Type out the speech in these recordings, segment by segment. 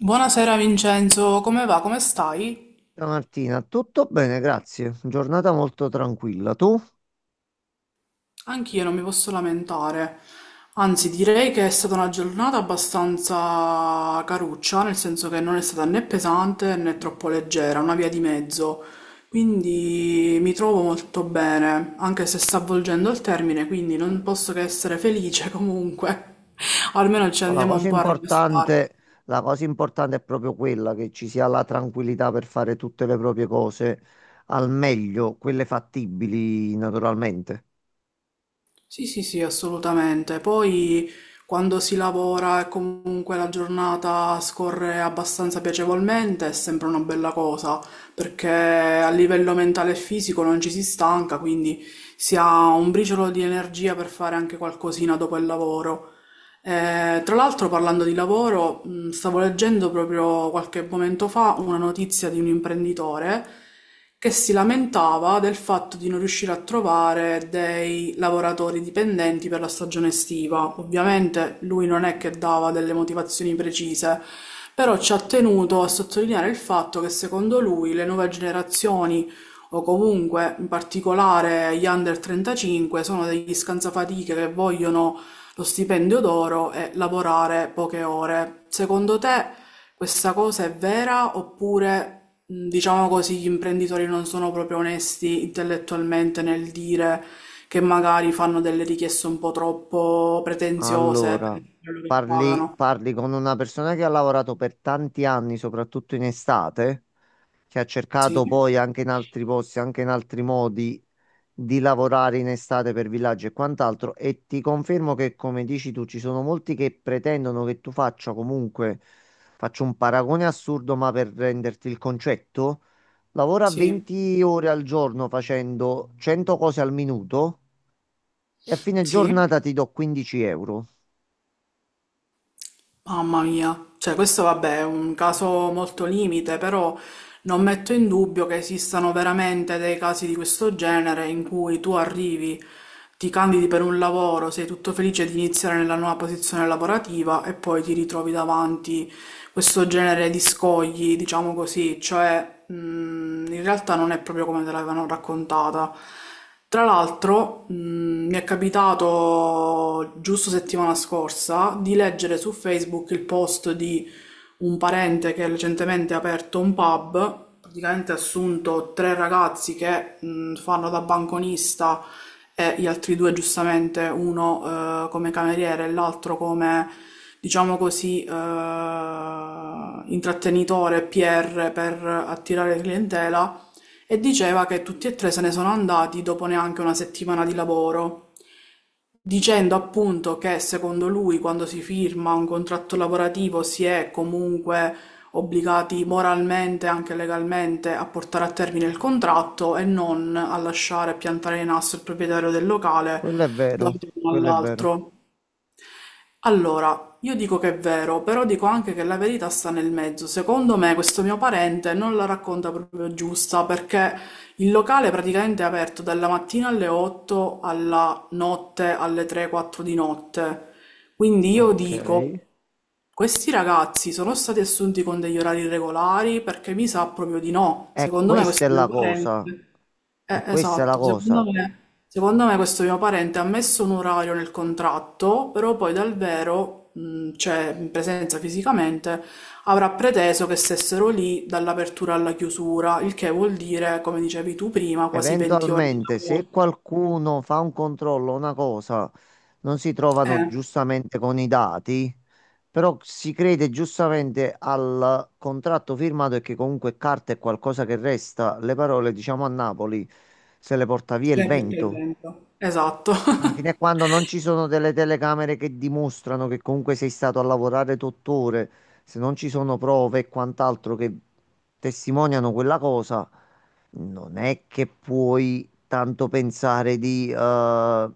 Buonasera Vincenzo, come va? Come stai? Ciao Martina, tutto bene, grazie. Giornata molto tranquilla. Tu? Anch'io non mi posso lamentare, anzi direi che è stata una giornata abbastanza caruccia, nel senso che non è stata né pesante né troppo leggera, una via di mezzo, quindi mi trovo molto bene, anche se sta avvolgendo il termine, quindi non posso che essere felice comunque, almeno ci Ma la andiamo un cosa po' a rilassare. importante, la cosa importante è proprio quella che ci sia la tranquillità per fare tutte le proprie cose al meglio, quelle fattibili naturalmente. Sì, sì, sì, assolutamente. Poi quando si lavora e comunque la giornata scorre abbastanza piacevolmente, è sempre una bella cosa, perché a livello mentale e fisico non ci si stanca, quindi si ha un briciolo di energia per fare anche qualcosina dopo il lavoro. Tra l'altro, parlando di lavoro, stavo leggendo proprio qualche momento fa una notizia di un imprenditore che si lamentava del fatto di non riuscire a trovare dei lavoratori dipendenti per la stagione estiva. Ovviamente lui non è che dava delle motivazioni precise, però ci ha tenuto a sottolineare il fatto che secondo lui le nuove generazioni o comunque in particolare gli under 35 sono degli scansafatiche che vogliono lo stipendio d'oro e lavorare poche ore. Secondo te questa cosa è vera oppure, diciamo così, gli imprenditori non sono proprio onesti intellettualmente nel dire che magari fanno delle richieste un po' troppo pretenziose Allora, per quello che parli, pagano? parli con una persona che ha lavorato per tanti anni, soprattutto in estate, che ha Sì, cercato poi anche in altri posti, anche in altri modi di lavorare in estate per villaggi e quant'altro. E ti confermo che, come dici tu, ci sono molti che pretendono che tu faccia comunque, faccio un paragone assurdo, ma per renderti il concetto, lavora sì, 20 ore al giorno facendo 100 cose al minuto e a fine sì. giornata ti do 15 euro. Mamma mia, cioè questo vabbè è un caso molto limite, però non metto in dubbio che esistano veramente dei casi di questo genere in cui tu arrivi, ti candidi per un lavoro, sei tutto felice di iniziare nella nuova posizione lavorativa e poi ti ritrovi davanti questo genere di scogli, diciamo così, cioè in realtà non è proprio come te l'avevano raccontata. Tra l'altro, mi è capitato giusto settimana scorsa di leggere su Facebook il post di un parente che recentemente ha aperto un pub, praticamente ha assunto tre ragazzi che fanno da banconista e gli altri due giustamente, uno come cameriere e l'altro come, diciamo così, intrattenitore, PR per attirare clientela, e diceva che tutti e tre se ne sono andati dopo neanche una settimana di lavoro, dicendo appunto che secondo lui quando si firma un contratto lavorativo si è comunque obbligati moralmente e anche legalmente a portare a termine il contratto e non a lasciare piantare in asso il proprietario del locale Quello è da un vero, giorno quello è vero. all'altro. Allora, io dico che è vero, però dico anche che la verità sta nel mezzo. Secondo me questo mio parente non la racconta proprio giusta, perché il locale praticamente è aperto dalla mattina alle 8 alla notte alle 3-4 di notte. Quindi io Ok. dico, questi ragazzi sono stati assunti con degli orari regolari? Perché mi sa proprio di no. E Secondo me questa questo è mio la cosa. parente... E questa è la esatto, secondo cosa. me... Secondo me questo mio parente ha messo un orario nel contratto, però poi dal vero, cioè in presenza fisicamente, avrà preteso che stessero lì dall'apertura alla chiusura, il che vuol dire, come dicevi tu prima, quasi 20 ore di Eventualmente, lavoro. se qualcuno fa un controllo, una cosa, non si trovano Eh, giustamente con i dati, però si crede giustamente al contratto firmato e che comunque carta è qualcosa che resta. Le parole, diciamo a Napoli, se le porta via il perché il vento. vento. Esatto. Quindi fino a quando non ci sono delle telecamere che dimostrano che comunque sei stato a lavorare 8 ore, se non ci sono prove e quant'altro che testimoniano quella cosa, non è che puoi tanto pensare di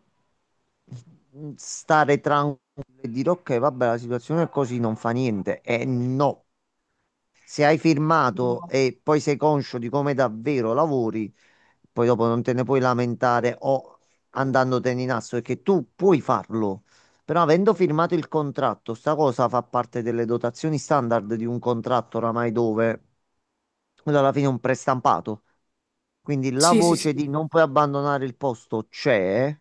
stare tranquillo e dire ok, vabbè, la situazione è così, non fa niente. E no, se hai firmato e poi sei conscio di come davvero lavori, poi dopo non te ne puoi lamentare o andandotene in asso, perché tu puoi farlo, però avendo firmato il contratto, sta cosa fa parte delle dotazioni standard di un contratto oramai dove quello alla fine è un prestampato. Quindi la Sì, sì, voce sì. di non puoi abbandonare il posto c'è.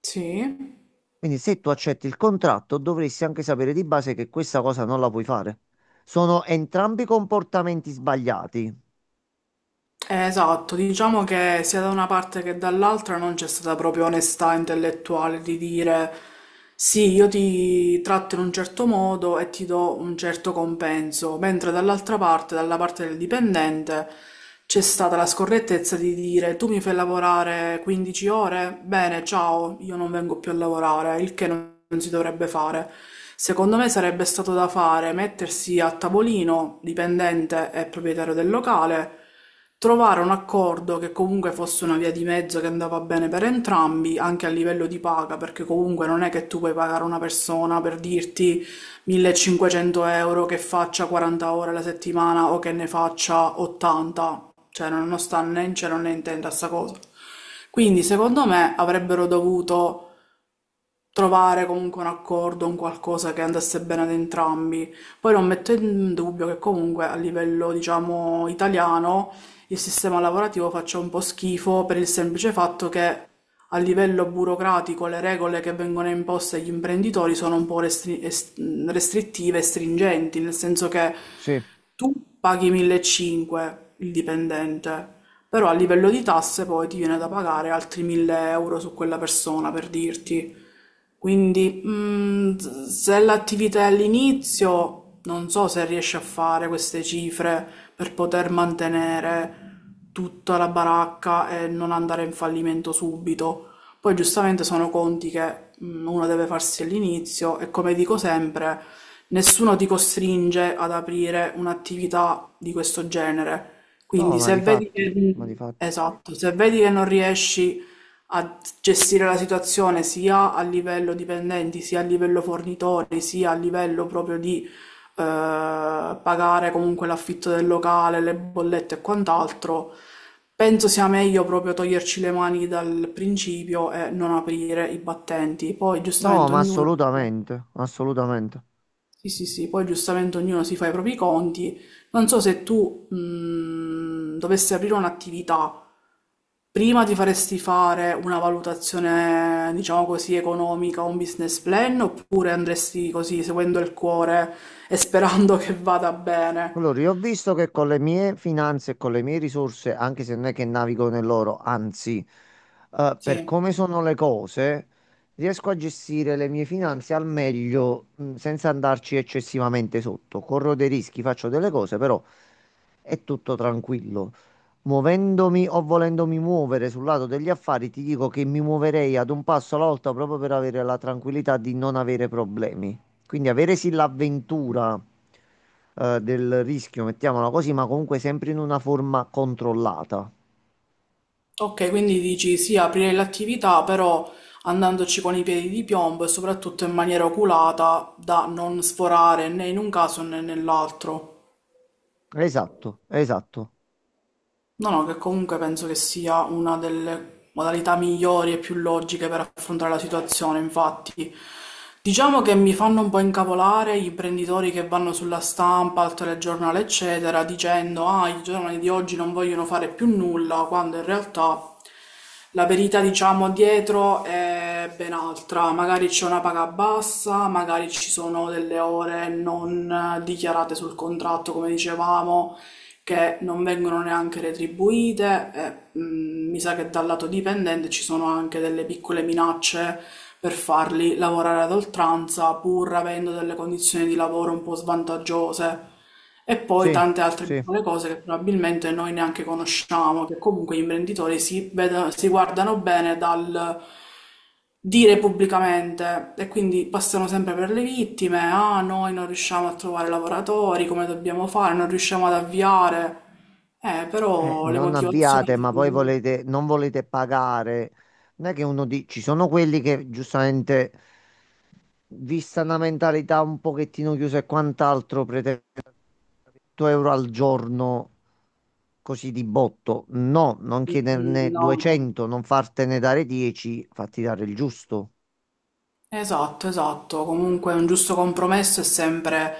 Sì. Quindi se tu accetti il contratto, dovresti anche sapere di base che questa cosa non la puoi fare. Sono entrambi comportamenti sbagliati. Esatto, diciamo che sia da una parte che dall'altra non c'è stata proprio onestà intellettuale di dire: sì, io ti tratto in un certo modo e ti do un certo compenso, mentre dall'altra parte, dalla parte del dipendente, c'è stata la scorrettezza di dire: tu mi fai lavorare 15 ore, bene, ciao, io non vengo più a lavorare. Il che non si dovrebbe fare. Secondo me sarebbe stato da fare mettersi a tavolino, dipendente e proprietario del locale, trovare un accordo che comunque fosse una via di mezzo che andava bene per entrambi, anche a livello di paga, perché comunque non è che tu puoi pagare una persona per dirti 1500 euro che faccia 40 ore alla settimana o che ne faccia 80, cioè non sta né in cielo né in tenda sta cosa. Quindi secondo me avrebbero dovuto trovare comunque un accordo, un qualcosa che andasse bene ad entrambi. Poi non metto in dubbio che comunque a livello, diciamo, italiano, il sistema lavorativo faccia un po' schifo, per il semplice fatto che a livello burocratico le regole che vengono imposte agli imprenditori sono un po' restrittive e stringenti, nel senso che Sì. tu paghi 1500 il dipendente, però a livello di tasse poi ti viene da pagare altri 1000 euro su quella persona, per dirti. Quindi, se l'attività è all'inizio, non so se riesce a fare queste cifre per poter mantenere tutta la baracca e non andare in fallimento subito. Poi, giustamente, sono conti che uno deve farsi all'inizio e, come dico sempre, nessuno ti costringe ad aprire un'attività di questo genere. No, Quindi, ma se di vedi fatti, che... ma di fatti. Esatto, se vedi che non riesci a gestire la situazione sia a livello dipendenti, sia a livello fornitori, sia a livello proprio di pagare comunque l'affitto del locale, le bollette e quant'altro, penso sia meglio proprio toglierci le mani dal principio e non aprire i battenti. Poi, No, giustamente, ma ognuno... assolutamente, assolutamente. Sì, sì, sì, poi giustamente ognuno si fa i propri conti. Non so se tu dovessi aprire un'attività, prima ti faresti fare una valutazione, diciamo così, economica, un business plan, oppure andresti così, seguendo il cuore e sperando che vada bene? Allora, io ho visto che con le mie finanze e con le mie risorse, anche se non è che navigo nell'oro, anzi, per Sì. come sono le cose, riesco a gestire le mie finanze al meglio, senza andarci eccessivamente sotto. Corro dei rischi, faccio delle cose, però è tutto tranquillo. Muovendomi o volendomi muovere sul lato degli affari, ti dico che mi muoverei ad un passo alla volta proprio per avere la tranquillità di non avere problemi. Quindi avere sì l'avventura del rischio, mettiamola così, ma comunque sempre in una forma controllata. Ok, quindi dici sì, aprire l'attività, però andandoci con i piedi di piombo e soprattutto in maniera oculata, da non sforare né in un caso né nell'altro. Esatto, esatto. No, no, che comunque penso che sia una delle modalità migliori e più logiche per affrontare la situazione. Infatti, diciamo che mi fanno un po' incavolare gli imprenditori che vanno sulla stampa, al telegiornale, eccetera, dicendo: "Ah, i giovani di oggi non vogliono fare più nulla", quando in realtà la verità, diciamo, dietro è ben altra. Magari c'è una paga bassa, magari ci sono delle ore non dichiarate sul contratto, come dicevamo, che non vengono neanche retribuite, e mi sa che dal lato dipendente ci sono anche delle piccole minacce per farli lavorare ad oltranza pur avendo delle condizioni di lavoro un po' svantaggiose, e poi Sì, tante altre sì. piccole cose che probabilmente noi neanche conosciamo, che comunque gli imprenditori si guardano bene dal dire pubblicamente, e quindi passano sempre per le vittime: "Ah, noi non riusciamo a trovare lavoratori, come dobbiamo fare, non riusciamo ad avviare". Però le Non avviate, motivazioni... ma poi volete, non volete pagare. Non è che uno di... Ci sono quelli che giustamente vista una mentalità un pochettino chiusa e quant'altro, pretendo 100 euro al giorno così di botto. No, non Mm, chiederne no. 200, non fartene dare 10, fatti dare il giusto. Esatto, esatto. Comunque un giusto compromesso è sempre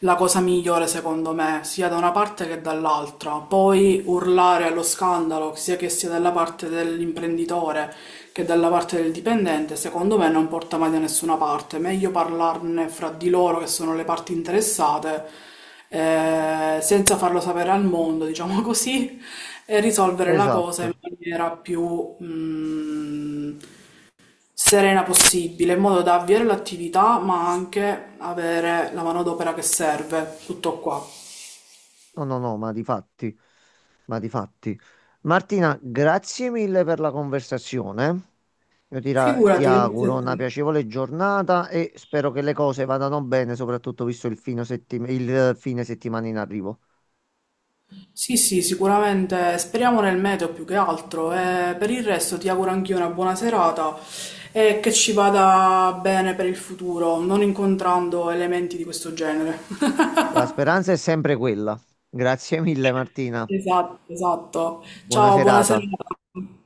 la cosa migliore, secondo me, sia da una parte che dall'altra. Poi urlare allo scandalo, sia che sia dalla parte dell'imprenditore che dalla parte del dipendente, secondo me non porta mai da nessuna parte. Meglio parlarne fra di loro, che sono le parti interessate, senza farlo sapere al mondo, diciamo così, e risolvere la cosa in Esatto. maniera più, serena possibile, in modo da avviare l'attività, ma anche avere la manodopera che serve. Tutto qua. No, no, no, ma di fatti, ma di fatti. Martina, grazie mille per la conversazione. Io ti Figurati, grazie auguro a una te. piacevole giornata e spero che le cose vadano bene, soprattutto visto il fine settimana in arrivo. Sì, sì, sicuramente speriamo nel meteo più che altro. E per il resto ti auguro anch'io una buona serata e che ci vada bene per il futuro, non incontrando elementi di questo genere. La speranza è sempre quella. Grazie mille, Martina. Esatto, esatto. Buona Ciao, buona serata. serata.